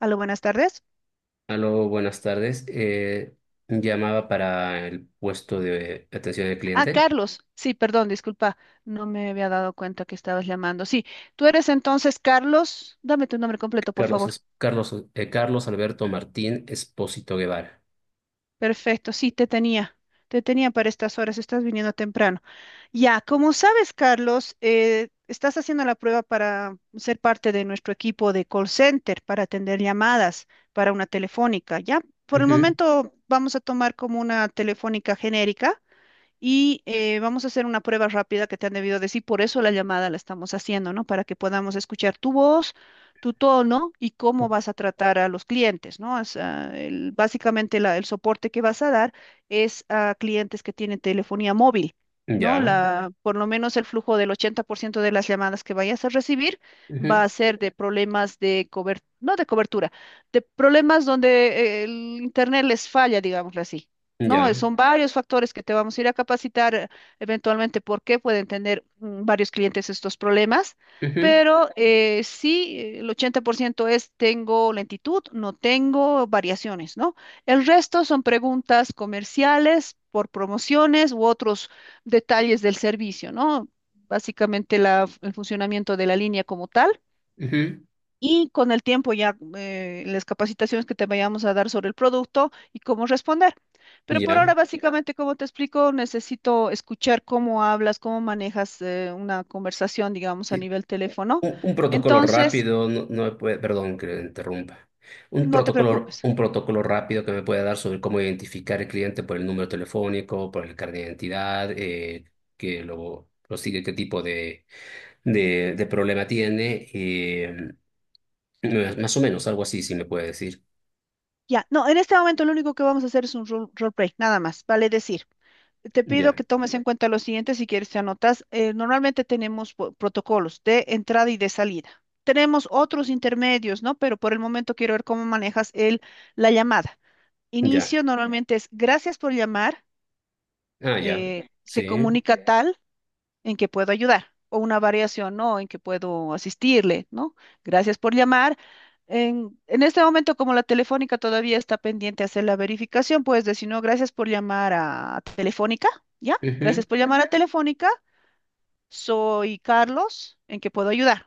Aló, buenas tardes. Aló, buenas tardes. Llamaba para el puesto de atención al Ah, cliente. Carlos. Sí, perdón, disculpa. No me había dado cuenta que estabas llamando. Sí, tú eres entonces Carlos. Dame tu nombre completo, por Carlos, favor. Carlos, Carlos Alberto Martín Espósito Guevara. Perfecto, sí, te tenía. Te tenía para estas horas. Estás viniendo temprano. Ya, como sabes, Carlos, estás haciendo la prueba para ser parte de nuestro equipo de call center para atender llamadas para una telefónica. Ya, por el Ujú. momento vamos a tomar como una telefónica genérica y vamos a hacer una prueba rápida que te han debido decir, por eso la llamada la estamos haciendo, ¿no? Para que podamos escuchar tu voz, tu tono y cómo vas a tratar a los clientes, ¿no? O sea, básicamente el soporte que vas a dar es a clientes que tienen telefonía móvil. ¿No? Ya, La, por lo menos el flujo del 80% de las llamadas que vayas a recibir va ujú, a ser de problemas de cobertura, no de cobertura, de problemas donde el internet les falla, digámoslo así. No, ya, son varios factores que te vamos a ir a capacitar eventualmente porque pueden tener varios clientes estos problemas, ujú, pero sí, el 80% es tengo lentitud, no tengo variaciones, ¿no? El resto son preguntas comerciales por promociones u otros detalles del servicio, ¿no? Básicamente el funcionamiento de la línea como tal. ujú, Y con el tiempo ya las capacitaciones que te vayamos a dar sobre el producto y cómo responder. Pero por ahora, ya. básicamente, como te explico, necesito escuchar cómo hablas, cómo manejas una conversación, digamos, a nivel teléfono. Un protocolo Entonces, rápido, no me puede, perdón que le interrumpa. Un no te protocolo, preocupes. un protocolo rápido que me pueda dar sobre cómo identificar al cliente por el número telefónico, por el carnet de identidad, que lo sigue, qué tipo de problema tiene. Más o menos, algo así, si me puede decir. Ya, no, en este momento lo único que vamos a hacer es un role play, nada más, vale decir. Te pido Ya, que tomes en cuenta lo siguiente, si quieres te anotas. Normalmente tenemos protocolos de entrada y de salida. Tenemos otros intermedios, ¿no? Pero por el momento quiero ver cómo manejas la llamada. ya. Inicio normalmente es gracias por llamar, Ah, ya. Se Sí. comunica tal, en que puedo ayudar, o una variación, ¿no? En que puedo asistirle, ¿no? Gracias por llamar. En este momento, como la telefónica todavía está pendiente de hacer la verificación, puedes decir, no, gracias por llamar a Telefónica, ¿ya? Ujú. Gracias por llamar a Telefónica, soy Carlos, ¿en que puedo ayudar?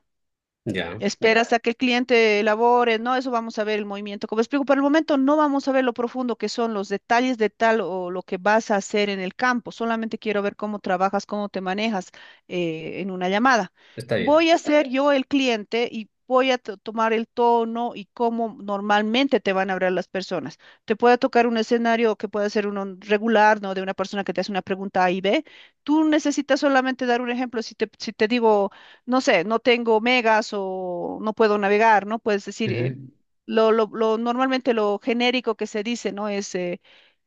Ya. Espera hasta que el cliente elabore, no, eso vamos a ver el movimiento. Como explico, por el momento no vamos a ver lo profundo que son los detalles de tal o lo que vas a hacer en el campo. Solamente quiero ver cómo trabajas, cómo te manejas en una llamada. Está bien. Voy a ser yo el cliente y voy a tomar el tono y cómo normalmente te van a hablar las personas. Te puede tocar un escenario que puede ser uno regular, ¿no? De una persona que te hace una pregunta A y B. Tú necesitas solamente dar un ejemplo. Si te digo no sé, no tengo megas o no puedo navegar, ¿no? Puedes decir, Ujú, normalmente lo genérico que se dice, ¿no? Es, eh,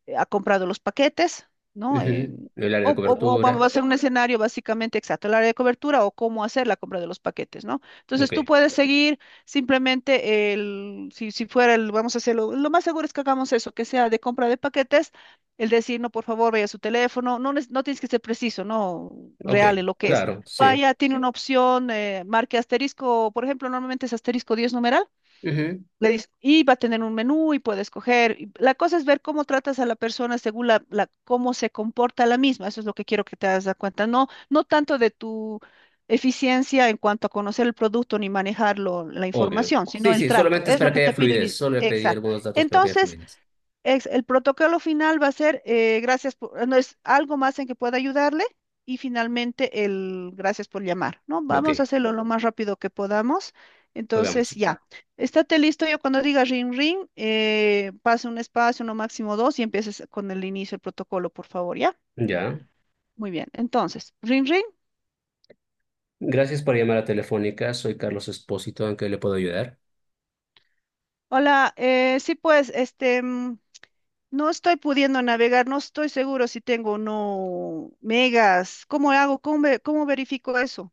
eh, ha comprado los paquetes, ¿no? Ujú. El área de O vamos a cobertura. hacer un escenario básicamente exacto, el área de cobertura o cómo hacer la compra de los paquetes, ¿no? Entonces Ok, tú puedes seguir simplemente si fuera el, vamos a hacerlo, lo más seguro es que hagamos eso, que sea de compra de paquetes, el decir, no, por favor, vaya a su teléfono, no, no tienes que ser preciso, ¿no? ok. Real en lo que es. Claro, sí. Vaya, tiene una opción, marque asterisco, por ejemplo, normalmente es *10# Ujú. le dices, y va a tener un menú y puede escoger. Y la cosa es ver cómo tratas a la persona según cómo se comporta la misma. Eso es lo que quiero que te das cuenta. No, no tanto de tu eficiencia en cuanto a conocer el producto ni manejarlo, la Obvio. información, sino Sí, el sí, trato. solamente es Es lo para que que haya te pido. fluidez. Solo le pedí Exacto. algunos datos para que haya Entonces, fluidez. El protocolo final va a ser gracias por, no es algo más en que pueda ayudarle y finalmente el gracias por llamar, ¿no? De ok, Vamos a hacerlo lo más rápido que podamos. hagamos. Entonces, ya, estate listo. Yo cuando diga ring ring, pase un espacio, no máximo dos y empieces con el inicio del protocolo, por favor, ¿ya? Ya. Muy bien. Entonces, ring ring. Gracias por llamar a Telefónica. Soy Carlos Espósito. ¿En qué le puedo ayudar? Hola, sí, pues, este, no estoy pudiendo navegar, no estoy seguro si tengo o no megas. ¿Cómo hago? ¿Cómo, cómo verifico eso?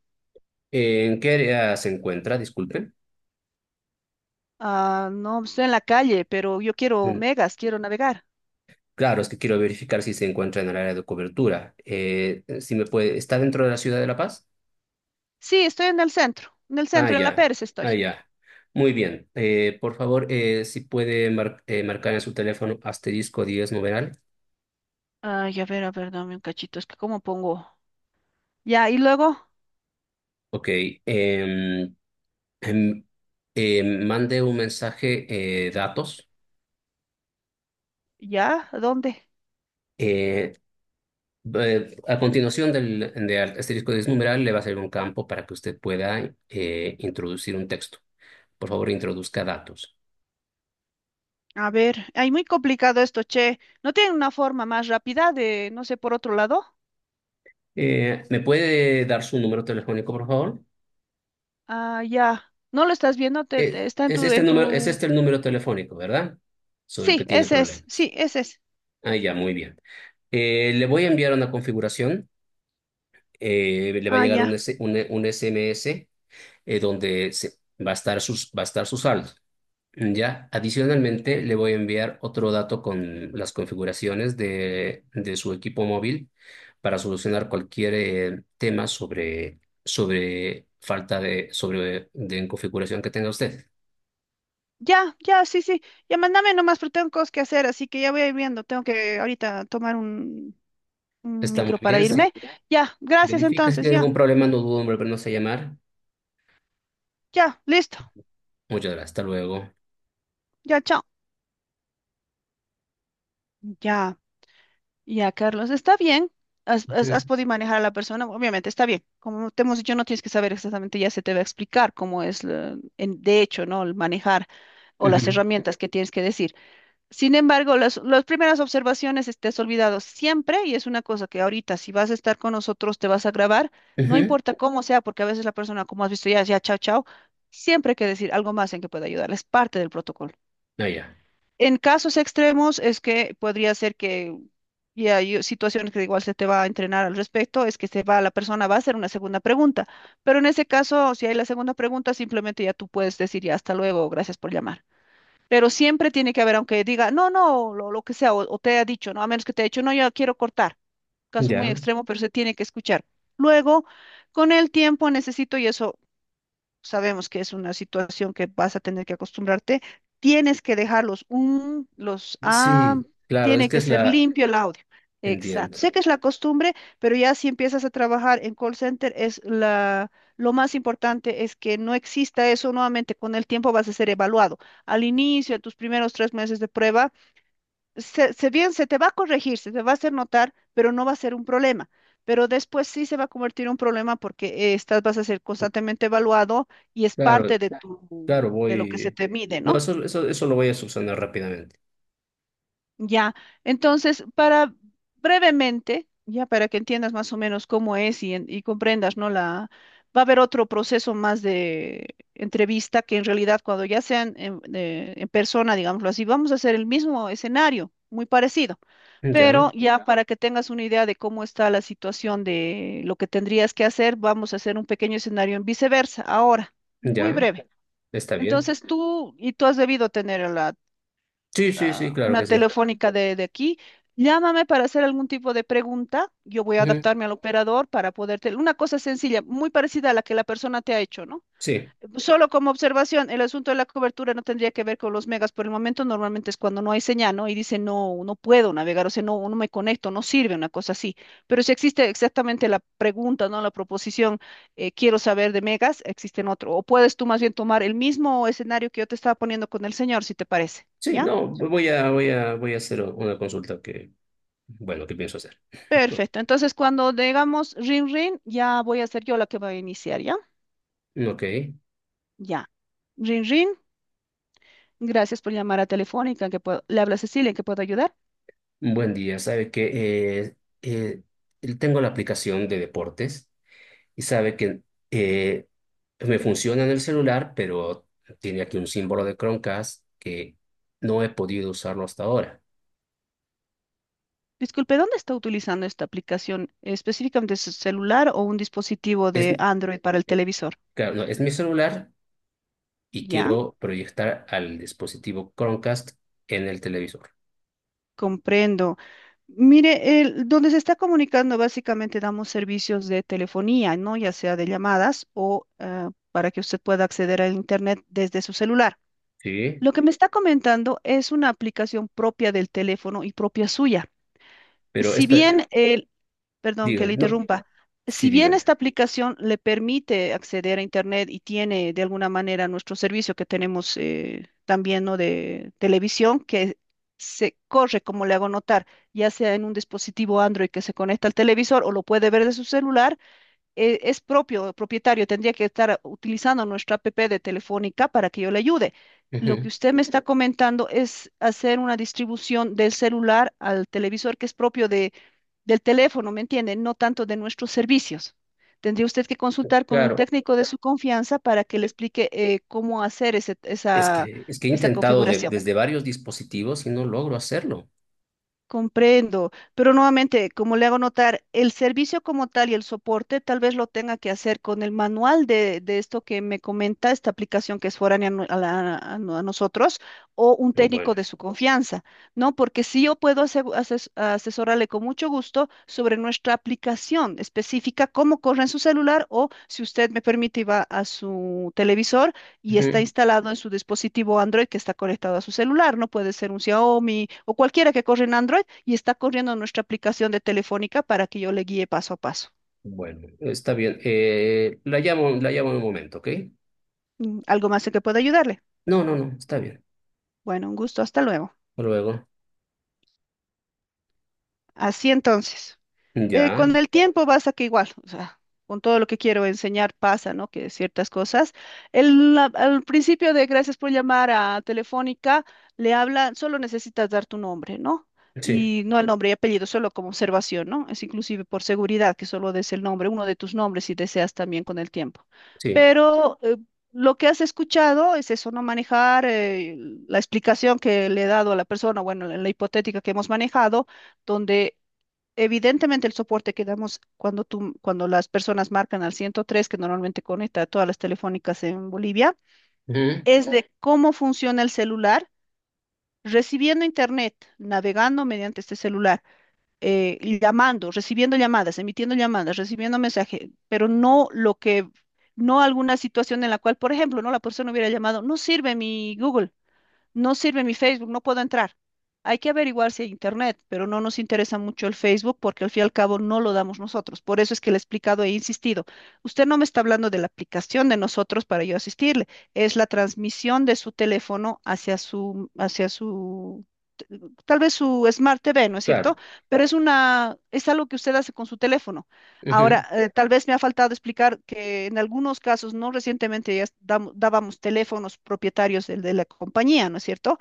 ¿En qué área se encuentra? Disculpe. Ah, no, estoy en la calle, pero yo quiero Bueno, megas, quiero navegar. claro, es que quiero verificar si se encuentra en el área de cobertura. Si me puede, ¿está dentro de la ciudad de La Paz? Sí, estoy en el centro, en el Ah, centro, en la ya. Pérez Ah, estoy. ya. Muy bien. Por favor, si puede marcar en su teléfono asterisco diez numeral. Ay, a ver, dame un cachito, es que cómo pongo. Ya, y luego, Ok. em, em, Mandé un mensaje datos. ya, ¿a ¿dónde? eh, a continuación del asterisco 10 numeral le va a salir un campo para que usted pueda introducir un texto. Por favor, introduzca datos. A ver, ay, muy complicado esto, che. ¿No tienen una forma más rápida de, no sé, por otro lado? ¿Me puede dar su número telefónico, por favor? Ah, ya. ¿No lo estás viendo? Está en ¿es tu, este en número, es tu. este el número telefónico, verdad? Sobre el que Sí, tiene ese es, problemas. sí, ese es. Ah, ya, muy bien. Le voy a enviar una configuración. Le va a Ah, llegar un, ya. S- un, un SMS eh, donde se, va a estar va a estar su saldo. Ya, adicionalmente le voy a enviar otro dato con las configuraciones de su equipo móvil para solucionar cualquier tema sobre falta de configuración que tenga usted. Ya, ya, sí, sí. Ya, mándame nomás, pero tengo cosas que hacer, así que ya voy a ir viendo. Tengo que ahorita tomar un Está muy micro para bien. Si irme. Ya, gracias verifica si entonces, tiene ya, algún problema, no dudo en volvernos a llamar. ya, listo, Muchas gracias. Hasta luego. ya, chao. Ya, ya, Carlos, está bien. Ujú, Has podido manejar a la persona, obviamente está bien. Como te hemos dicho, no tienes que saber exactamente, ya se te va a explicar cómo es, de hecho, ¿no? El manejar o las ujú, herramientas que tienes que decir. Sin embargo, las primeras observaciones estés has olvidado siempre y es una cosa que ahorita si vas a estar con nosotros te vas a grabar, no ujú. importa cómo sea, porque a veces la persona, como has visto ya, ya, chao, chao, siempre hay que decir algo más en que pueda ayudar, es parte del protocolo. Ah, ya. En casos extremos es que podría ser que, y hay situaciones que igual se te va a entrenar al respecto, es que se va, la persona va a hacer una segunda pregunta, pero en ese caso, si hay la segunda pregunta, simplemente ya tú puedes decir ya hasta luego, gracias por llamar. Pero siempre tiene que haber, aunque diga, no, no, lo que sea, o te haya dicho, ¿no? A menos que te haya dicho, no, yo quiero cortar. Caso muy Ya. extremo, pero se tiene que escuchar. Luego, con el tiempo necesito, y eso sabemos que es una situación que vas a tener que acostumbrarte, tienes que dejarlos un, los ah, Sí, claro, es tiene que que es ser la... limpio el audio. Exacto. Entiendo. Sé que es la costumbre, pero ya si empiezas a trabajar en call center, es la, lo más importante es que no exista eso nuevamente. Con el tiempo vas a ser evaluado. Al inicio, a tus primeros 3 meses de prueba, se te va a corregir, se te va a hacer notar, pero no va a ser un problema. Pero después sí se va a convertir en un problema porque estás, vas a ser constantemente evaluado y es parte Claro. de Claro. Tu, Claro, de lo que se voy. te mide, No, ¿no? eso lo voy a subsanar rápidamente. Ya. Entonces, para brevemente, ya para que entiendas más o menos cómo es y, y comprendas, ¿no? La, va a haber otro proceso más de entrevista que en realidad cuando ya sean en, en persona, digámoslo así, vamos a hacer el mismo escenario, muy parecido. Ya, Pero ya para que tengas una idea de cómo está la situación de lo que tendrías que hacer, vamos a hacer un pequeño escenario en viceversa. Ahora, muy ya, breve. está bien. Entonces tú, y tú has debido tener a la, Sí, sí, sí, a claro una que sí. telefónica de aquí, llámame para hacer algún tipo de pregunta. Yo voy a Ujú. adaptarme al operador para poderte. Una cosa sencilla, muy parecida a la que la persona te ha hecho, ¿no? Sí, Solo como observación, el asunto de la cobertura no tendría que ver con los megas por el momento, normalmente es cuando no hay señal, ¿no? Y dice, no, no puedo navegar, o sea, no, no me conecto, no sirve una cosa así. Pero si existe exactamente la pregunta, ¿no? La proposición, quiero saber de megas, existen otro. O puedes tú más bien tomar el mismo escenario que yo te estaba poniendo con el señor, si te parece, sí, ¿ya? no, voy a hacer una consulta bueno, que pienso hacer. Bueno. Perfecto. Entonces, cuando digamos ring ring, ya voy a ser yo la que va a iniciar, ¿ya? Ok, Ya. Ring ring, gracias por llamar a Telefónica, que puedo, le habla Cecilia, ¿en qué puedo ayudar? buen día. Sabe que eh, tengo la aplicación de deportes y sabe que eh, me funciona en el celular, pero tiene aquí un símbolo de Chromecast que no he podido usarlo hasta ahora. Disculpe, ¿dónde está utilizando esta aplicación? ¿Específicamente su celular o un dispositivo Es, de Android para el televisor? Claro, no, es mi celular y Ya, quiero proyectar al dispositivo Chromecast en el televisor. comprendo. Mire, donde se está comunicando básicamente damos servicios de telefonía, ¿no? Ya sea de llamadas o para que usted pueda acceder al Internet desde su celular. Sí, Lo que me está comentando es una aplicación propia del teléfono y propia suya. pero Si esta, bien perdón que dígame, le no, interrumpa. sí, Si bien dígame. esta aplicación le permite acceder a Internet y tiene de alguna manera nuestro servicio que tenemos también, ¿no?, de televisión, que se corre, como le hago notar, ya sea en un dispositivo Android que se conecta al televisor o lo puede ver de su celular, es propio, propietario, tendría que estar utilizando nuestra app de Telefónica para que yo le ayude. Lo que Ujú. usted me está comentando es hacer una distribución del celular al televisor que es propio de del teléfono, ¿me entienden? No tanto de nuestros servicios. Tendría usted que consultar con un Claro, técnico de su confianza para que le e- explique cómo hacer es esa, que, es que he esa intentado configuración. desde varios dispositivos y no logro hacerlo. Comprendo, pero nuevamente, como le hago notar, el servicio como tal y el soporte tal vez lo tenga que hacer con el manual de esto que me comenta, esta aplicación que es foránea a, no- a la- a no- a nosotros, o un Oh, bueno, técnico de su confianza, ¿no? Porque sí yo puedo asesorarle con mucho gusto sobre nuestra aplicación específica, cómo corre en su celular o, si usted me permite, y va a su televisor y está ujú. instalado en su dispositivo Android que está conectado a su celular, no puede ser un Xiaomi o cualquiera que corre en Android y está corriendo nuestra aplicación de Telefónica, para que yo le guíe paso a paso. Bueno, está bien. La llamo en un momento, ¿ok? Mm, ¿algo más en que pueda ayudarle? No, no, no, está bien. Bueno, un gusto, hasta luego. Hasta luego, Así entonces. Ya, Con el tiempo vas a que igual, o sea, con todo lo que quiero enseñar pasa, ¿no? Que ciertas cosas. Al principio de gracias por llamar a Telefónica, le habla, solo necesitas dar tu nombre, ¿no? sí, Y no el nombre y apellido, solo como observación, ¿no? Es inclusive por seguridad que solo des el nombre, uno de tus nombres si deseas también con el tiempo. sí, Pero lo que has escuchado es eso, no manejar la explicación que le he dado a la persona, bueno, la hipotética que hemos manejado donde evidentemente el soporte que damos cuando tú, cuando las personas marcan al 103, que normalmente conecta a todas las telefónicas en Bolivia, ujú, es de cómo funciona el celular, recibiendo internet, navegando mediante este celular, llamando, recibiendo llamadas, emitiendo llamadas, recibiendo mensajes, pero no lo que, no alguna situación en la cual, por ejemplo, no, la persona hubiera llamado, no sirve mi Google, no sirve mi Facebook, no puedo entrar. Hay que averiguar si hay internet, pero no nos interesa mucho el Facebook porque al fin y al cabo no lo damos nosotros. Por eso es que le he explicado e insistido. Usted no me está hablando de la aplicación de nosotros para yo asistirle. Es la transmisión de su teléfono hacia su, t- tal vez su Smart TV, ¿no es cierto? claro, Pero es una, es algo que usted hace con su teléfono. ujú. Ahora, tal vez me ha faltado explicar que en algunos casos, no recientemente, ya dábamos teléfonos propietarios de la compañía, ¿no es cierto?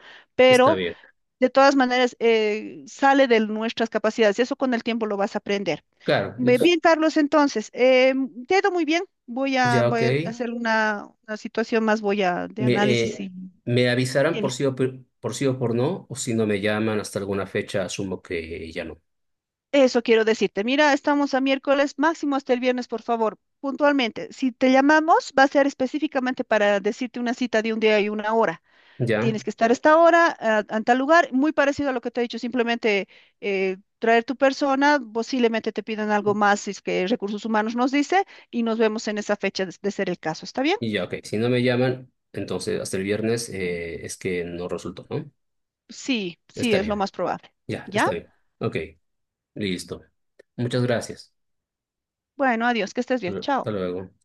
Está Pero bien, de todas maneras sale de nuestras capacidades y eso con el tiempo lo vas a aprender. claro, Ve bien, Carlos, entonces, te ha ido muy bien. Voy a, ya, ok. voy a hacer una situación más, voy a de Me, análisis eh, y... me avisarán por Bien. sí por sí o por no, o si no me llaman hasta alguna fecha, asumo que ya no. Eso quiero decirte. Mira, estamos a miércoles, máximo hasta el viernes, por favor, puntualmente. Si te llamamos, va a ser específicamente para decirte una cita de un día y una hora. Ya, Tienes que estar a esta hora, a tal lugar, muy parecido a lo que te he dicho, simplemente traer tu persona, posiblemente te pidan algo más, si es que recursos humanos nos dice, y nos vemos en esa fecha de ser el caso. ¿Está bien? y ya, ok. Si no me llaman, entonces hasta el viernes, es que no resultó, ¿no? Sí, sí, Está es lo bien, más probable. ya, está ¿Ya? bien. Ok, listo. Muchas gracias. Bueno, adiós, que estés bien. Hasta Chao. luego.